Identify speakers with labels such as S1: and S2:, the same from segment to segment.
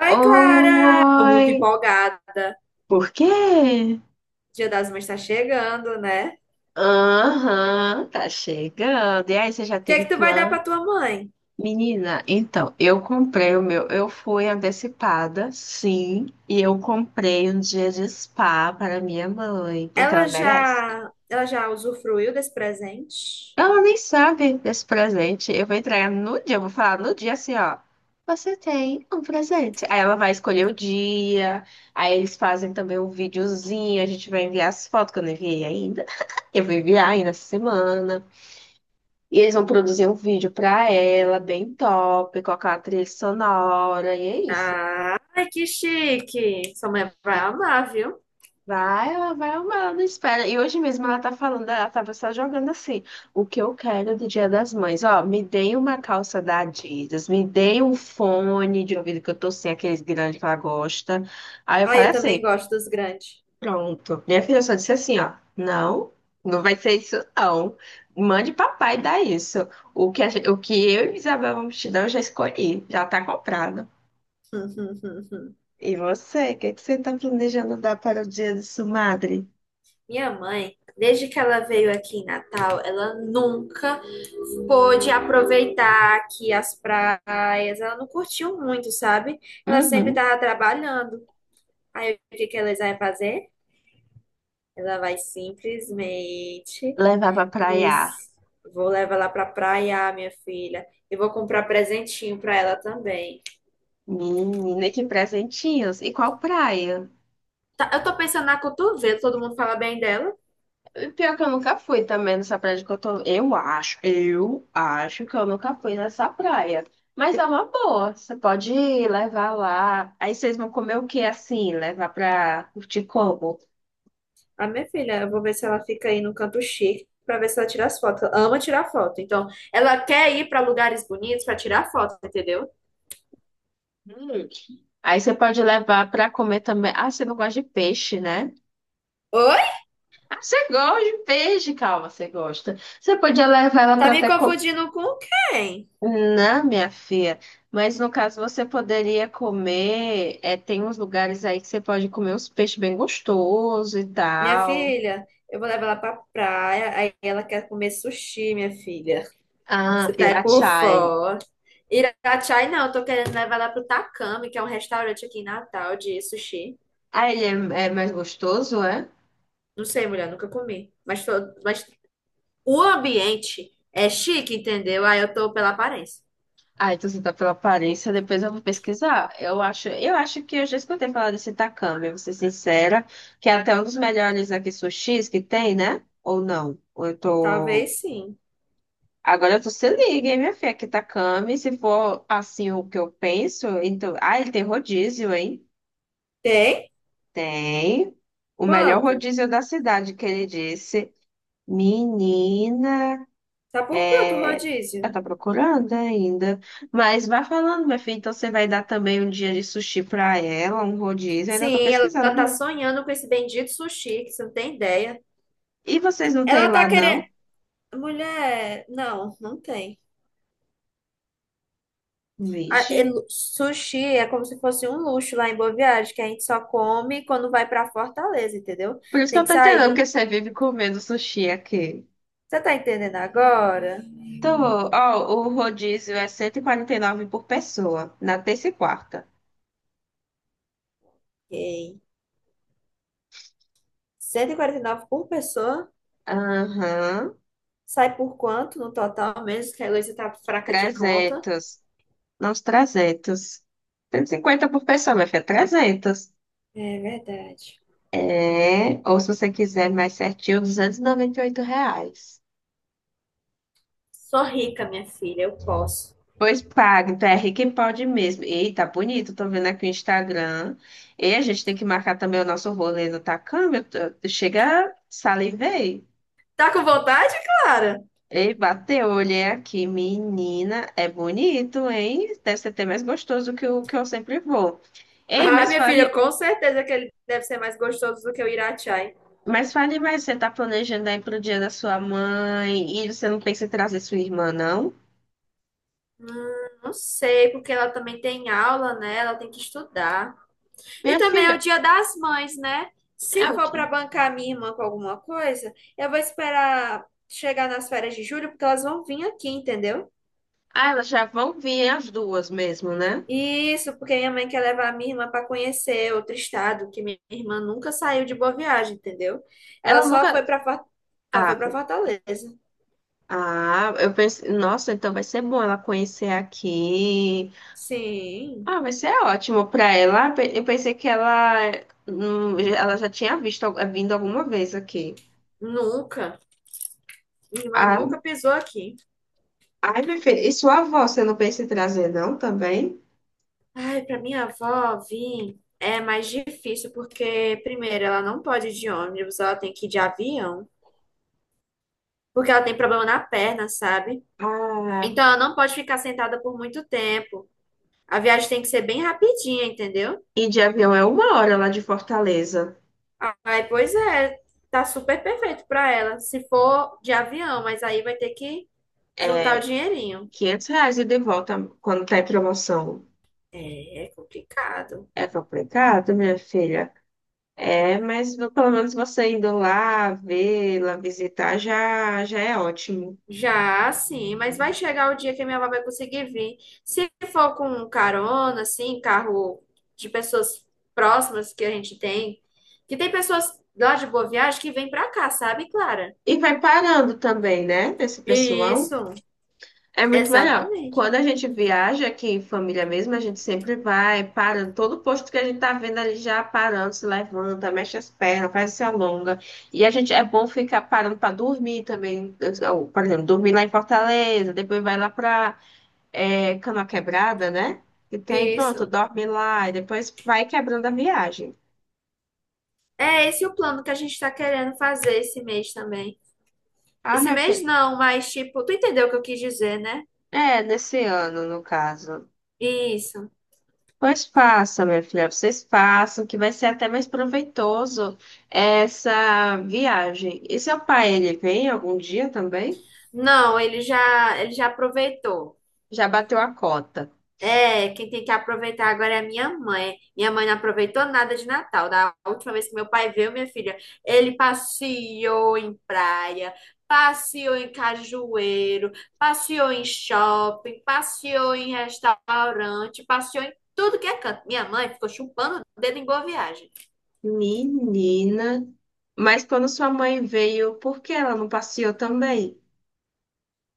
S1: Oi, Clara! Tô muito
S2: Oi,
S1: empolgada.
S2: por quê?
S1: Dia das Mães tá chegando, né? O
S2: Aham, tá chegando. E aí, você já
S1: que é
S2: tem
S1: que tu vai dar
S2: plano?
S1: pra tua mãe?
S2: Menina, então, eu comprei o meu. Eu fui antecipada, sim, e eu comprei um dia de spa para minha mãe, porque ela
S1: Ela
S2: merece.
S1: já, ela já usufruiu desse presente?
S2: Ela nem sabe desse presente. Eu vou entregar no dia, eu vou falar no dia assim, ó. Você tem um presente. Aí ela vai escolher o dia. Aí eles fazem também um videozinho. A gente vai enviar as fotos que eu não enviei ainda. Eu vou enviar ainda essa semana. E eles vão produzir um vídeo pra ela, bem top, colocar a trilha sonora. E é isso.
S1: Ah, ai, que chique! Sua mãe vai amar, viu?
S2: Vai, ela vai amar, ela não espera. E hoje mesmo ela tá falando, ela tava só jogando assim. O que eu quero do Dia das Mães? Ó, me deem uma calça da Adidas, me deem um fone de ouvido que eu tô sem, aqueles grandes que ela gosta. Aí eu
S1: Ai,
S2: falei
S1: eu também
S2: assim,
S1: gosto dos grandes.
S2: pronto. Minha filha só disse assim, ó, não, não vai ser isso não. Mande papai dar isso. O que eu e Isabel vamos te dar, eu já escolhi, já tá comprado. E você, o que, que você tá planejando dar para o Dia de sua madre?
S1: Minha mãe, desde que ela veio aqui em Natal, ela nunca pôde aproveitar aqui as praias. Ela não curtiu muito, sabe? Ela sempre
S2: Uhum.
S1: estava trabalhando. Aí o que que ela vai fazer? Ela vai simplesmente
S2: Levar pra praia.
S1: diz, vou levar ela pra praia, minha filha. E vou comprar presentinho pra ela também.
S2: Menina, que presentinhos. E qual praia?
S1: Tá, eu tô pensando na cotovelo, todo mundo fala bem dela.
S2: Pior que eu nunca fui também nessa praia que eu tô. Eu acho que eu nunca fui nessa praia. Mas é uma boa. Você pode ir levar lá. Aí vocês vão comer o que assim? Levar pra curtir como?
S1: A minha filha, eu vou ver se ela fica aí no canto chique pra ver se ela tira as fotos. Ela ama tirar foto. Então, ela quer ir pra lugares bonitos pra tirar foto, entendeu?
S2: Hum. Aí você pode levar pra comer também. Ah, você não gosta de peixe, né?
S1: Oi?
S2: Ah, você gosta de peixe, calma, você gosta. Você podia levar ela
S1: Tá
S2: pra
S1: me
S2: até comer.
S1: confundindo com quem?
S2: Não, minha filha, mas no caso você poderia comer, é, tem uns lugares aí que você pode comer uns peixes bem gostosos e
S1: Minha
S2: tal.
S1: filha, eu vou levar ela pra praia, aí ela quer comer sushi, minha filha.
S2: Ah,
S1: Você tá é por
S2: Irachai.
S1: fora. Irachai, não, eu tô querendo levar lá pro Takami, que é um restaurante aqui em Natal de sushi.
S2: Ah, ele é mais gostoso, é?
S1: Não sei, mulher, nunca comi. Mas o ambiente é chique, entendeu? Aí eu tô pela aparência.
S2: Ah, então você tá pela aparência, depois eu vou pesquisar. Eu acho que eu já escutei falar desse takame, eu vou ser sincera, que é até um dos melhores aqui sushis que tem, né? Ou não? Ou eu tô.
S1: Talvez sim.
S2: Agora tu se liga, hein, minha filha, aqui tá Kami. Se for assim o que eu penso, então. Ah, ele tem rodízio, hein?
S1: Tem?
S2: Tem. O melhor
S1: Quanto?
S2: rodízio da cidade, que ele disse. Menina,
S1: Tá por quanto o
S2: é, eu
S1: rodízio?
S2: tá procurando ainda. Mas vai falando, minha filha. Então você vai dar também um dia de sushi pra ela, um rodízio. Eu ainda tô
S1: Sim, ela tá
S2: pesquisando.
S1: sonhando com esse bendito sushi, que você não tem ideia.
S2: E vocês não têm
S1: Ela tá
S2: lá,
S1: querendo.
S2: não?
S1: Mulher, não, não tem.
S2: Vixe.
S1: Sushi é como se fosse um luxo lá em Boa Viagem, que a gente só come quando vai pra Fortaleza, entendeu?
S2: Por isso que
S1: Tem
S2: eu
S1: que
S2: tô entendendo que
S1: sair.
S2: você vive comendo sushi aqui.
S1: Você tá entendendo agora?
S2: Tô, ó, o rodízio é cento e quarenta e nove por pessoa, na terça e quarta.
S1: Ok. Cento e quarenta e nove por pessoa.
S2: Aham,
S1: Sai por quanto no total mesmo? Que a Heloísa tá fraca de conta.
S2: 300. Não, os 300. 150 por pessoa, minha filha, 300.
S1: É verdade.
S2: É, ou se você quiser mais certinho, R$ 298.
S1: Sou rica, minha filha, eu posso.
S2: Pois paga, então é rico em pode mesmo. Eita, bonito, tô vendo aqui o Instagram. E a gente tem que marcar também o nosso rolê no Tacama. Chega, salivei.
S1: Tá com vontade, Clara?
S2: Ei, bateu, olhei aqui, menina, é bonito, hein? Deve ser até mais gostoso que o que eu sempre vou. Ei,
S1: Ah,
S2: mas
S1: minha filha,
S2: fale,
S1: com certeza que ele deve ser mais gostoso do que o Irachai.
S2: mas fale mais, você tá planejando aí pro dia da sua mãe e você não pensa em trazer sua irmã, não?
S1: Não sei, porque ela também tem aula, né? Ela tem que estudar. E
S2: Minha
S1: também é o
S2: filha,
S1: Dia das Mães, né? Se
S2: é o
S1: for para
S2: quê?
S1: bancar minha irmã com alguma coisa, eu vou esperar chegar nas férias de julho, porque elas vão vir aqui, entendeu?
S2: Ah, elas já vão vir as duas mesmo, né?
S1: Isso, porque minha mãe quer levar a minha irmã para conhecer outro estado, que minha irmã nunca saiu de Boa Viagem, entendeu? Ela
S2: Ela
S1: só
S2: nunca.
S1: foi para só foi
S2: Ah,
S1: para Fortaleza.
S2: ah, eu pensei, nossa, então vai ser bom ela conhecer aqui.
S1: Sim,
S2: Ah, vai ser ótimo para ela. Eu pensei que ela já tinha visto, vindo alguma vez aqui.
S1: nunca. Minha irmã
S2: Ah,
S1: nunca pisou aqui.
S2: ai, meu filho, e sua avó, você não pensa em trazer, não, também?
S1: Ai, para minha avó vir é mais difícil, porque primeiro ela não pode ir de ônibus, ela tem que ir de avião. Porque ela tem problema na perna, sabe?
S2: Ah,
S1: Então ela não pode ficar sentada por muito tempo. A viagem tem que ser bem rapidinha, entendeu?
S2: e de avião é uma hora lá de Fortaleza.
S1: Aí, pois é, tá super perfeito pra ela, se for de avião, mas aí vai ter que juntar o
S2: É
S1: dinheirinho.
S2: R$ 500 e de volta quando tá em promoção.
S1: É, é complicado.
S2: É complicado, minha filha. É, mas pelo menos você indo lá, vê-la, visitar, já, já é ótimo.
S1: Já, sim, mas vai chegar o dia que a minha avó vai conseguir vir. Se for com carona, assim, carro de pessoas próximas que a gente tem, que tem pessoas lá de Boa Viagem que vêm pra cá, sabe, Clara?
S2: E vai parando também, né, esse pessoal?
S1: Isso.
S2: É muito melhor.
S1: Exatamente.
S2: Quando a gente viaja aqui em família mesmo, a gente sempre vai parando. Todo posto que a gente tá vendo ali já parando, se levanta, mexe as pernas, faz se alonga. E a gente é bom ficar parando para dormir também. Por exemplo, dormir lá em Fortaleza, depois vai lá para é, Canoa Quebrada, né? E tem, pronto,
S1: Isso.
S2: dorme lá e depois vai quebrando a viagem.
S1: É esse o plano que a gente está querendo fazer esse mês também.
S2: Ah,
S1: Esse
S2: minha
S1: mês
S2: filha.
S1: não, mas tipo, tu entendeu o que eu quis dizer, né?
S2: É, nesse ano, no caso.
S1: Isso.
S2: Pois faça, minha filha, vocês façam, que vai ser até mais proveitoso essa viagem. E seu pai, ele vem algum dia também?
S1: Não, ele já aproveitou.
S2: Já bateu a cota.
S1: É, quem tem que aproveitar agora é a minha mãe. Minha mãe não aproveitou nada de Natal. Da última vez que meu pai veio, minha filha, ele passeou em praia, passeou em cajueiro, passeou em shopping, passeou em restaurante, passeou em tudo que é canto. Minha mãe ficou chupando o dedo em boa viagem.
S2: Menina, mas quando sua mãe veio, por que ela não passeou também?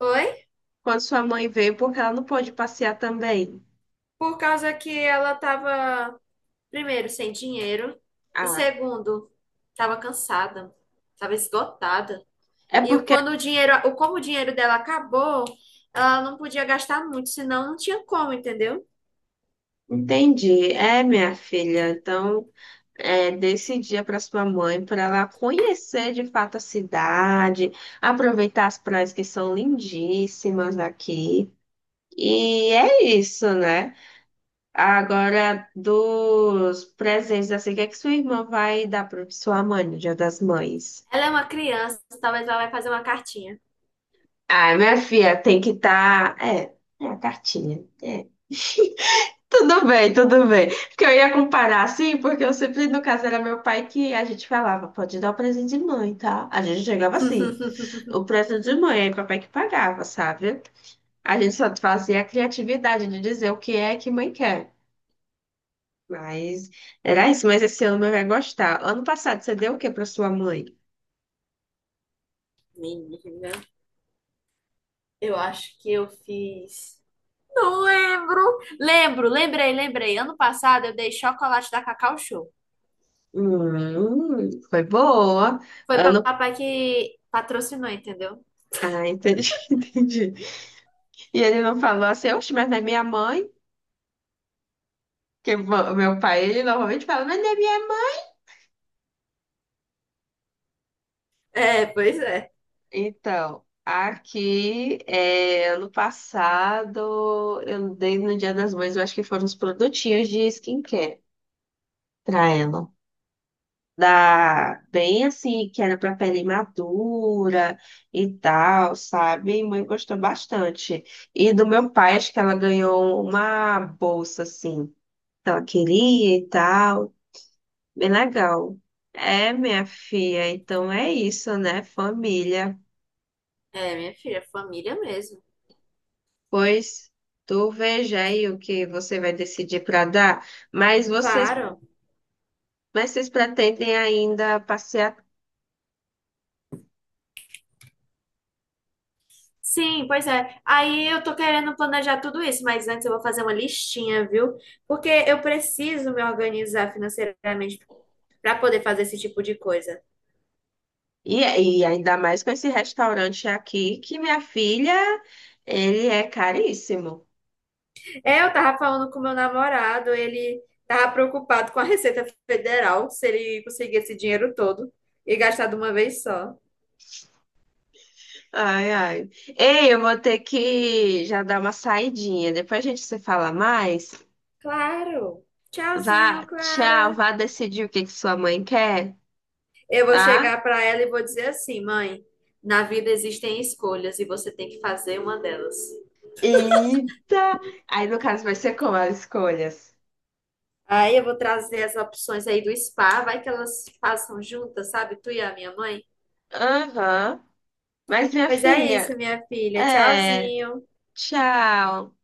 S1: Oi?
S2: Quando sua mãe veio, por que ela não pôde passear também?
S1: Por causa que ela tava, primeiro, sem dinheiro e,
S2: Ah,
S1: segundo, tava cansada, tava esgotada.
S2: é
S1: E
S2: porque,
S1: quando como o dinheiro dela acabou, ela não podia gastar muito, senão não tinha como, entendeu?
S2: entendi, é minha filha, então. É, desse dia para sua mãe, para ela conhecer de fato a cidade, aproveitar as praias que são lindíssimas aqui. E é isso, né? Agora, dos presentes, assim, o que é que sua irmã vai dar para sua mãe no Dia das Mães?
S1: Ela é uma criança, talvez ela vai fazer uma cartinha.
S2: Ai, minha filha, tem que estar. É, é a cartinha. É. Tudo bem, tudo bem. Porque eu ia comparar assim, porque eu sempre, no caso, era meu pai que a gente falava, pode dar o presente de mãe, tá? A gente chegava assim. O preço de mãe, aí papai que pagava, sabe? A gente só fazia a criatividade de dizer o que é que mãe quer. Mas era isso, mas esse ano mãe vai gostar. Ano passado você deu o que para sua mãe?
S1: Menina, eu acho que eu fiz. Não lembro. Lembro, lembrei, lembrei. Ano passado eu dei chocolate da Cacau Show.
S2: Foi boa.
S1: Foi
S2: Ano...
S1: papai que patrocinou, entendeu?
S2: Ah, entendi, entendi. E ele não falou assim, oxe, mas não é minha mãe? Porque o meu pai, ele normalmente fala, mas não é minha mãe.
S1: É, pois é.
S2: Então, aqui, é, ano passado, eu dei no Dia das Mães, eu acho que foram uns produtinhos de skincare pra ela, da bem assim, que era para pele madura e tal, sabe? Minha mãe gostou bastante. E do meu pai, acho que ela ganhou uma bolsa assim, que ela queria e tal, bem legal. É, minha filha, então é isso, né, família?
S1: É, minha filha, família mesmo.
S2: Pois tu veja aí o que você vai decidir para dar, mas vocês,
S1: Claro.
S2: mas vocês pretendem ainda passear.
S1: Sim, pois é. Aí eu tô querendo planejar tudo isso, mas antes eu vou fazer uma listinha, viu? Porque eu preciso me organizar financeiramente para poder fazer esse tipo de coisa.
S2: E, e ainda mais com esse restaurante aqui, que minha filha, ele é caríssimo.
S1: É, eu tava falando com meu namorado, ele tava preocupado com a Receita Federal, se ele conseguir esse dinheiro todo e gastar de uma vez só.
S2: Ai, ai. Ei, eu vou ter que já dar uma saidinha. Depois a gente se fala mais.
S1: Claro. Tchauzinho,
S2: Vá, tchau,
S1: Clara.
S2: vá decidir o que que sua mãe quer,
S1: Eu vou
S2: tá?
S1: chegar para ela e vou dizer assim, mãe, na vida existem escolhas e você tem que fazer uma delas.
S2: Eita! Aí no caso vai ser como as escolhas?
S1: Aí eu vou trazer as opções aí do spa, vai que elas façam juntas, sabe? Tu e a minha mãe.
S2: Aham. Mas minha
S1: Pois é
S2: filha,
S1: isso, minha filha.
S2: é,
S1: Tchauzinho.
S2: tchau.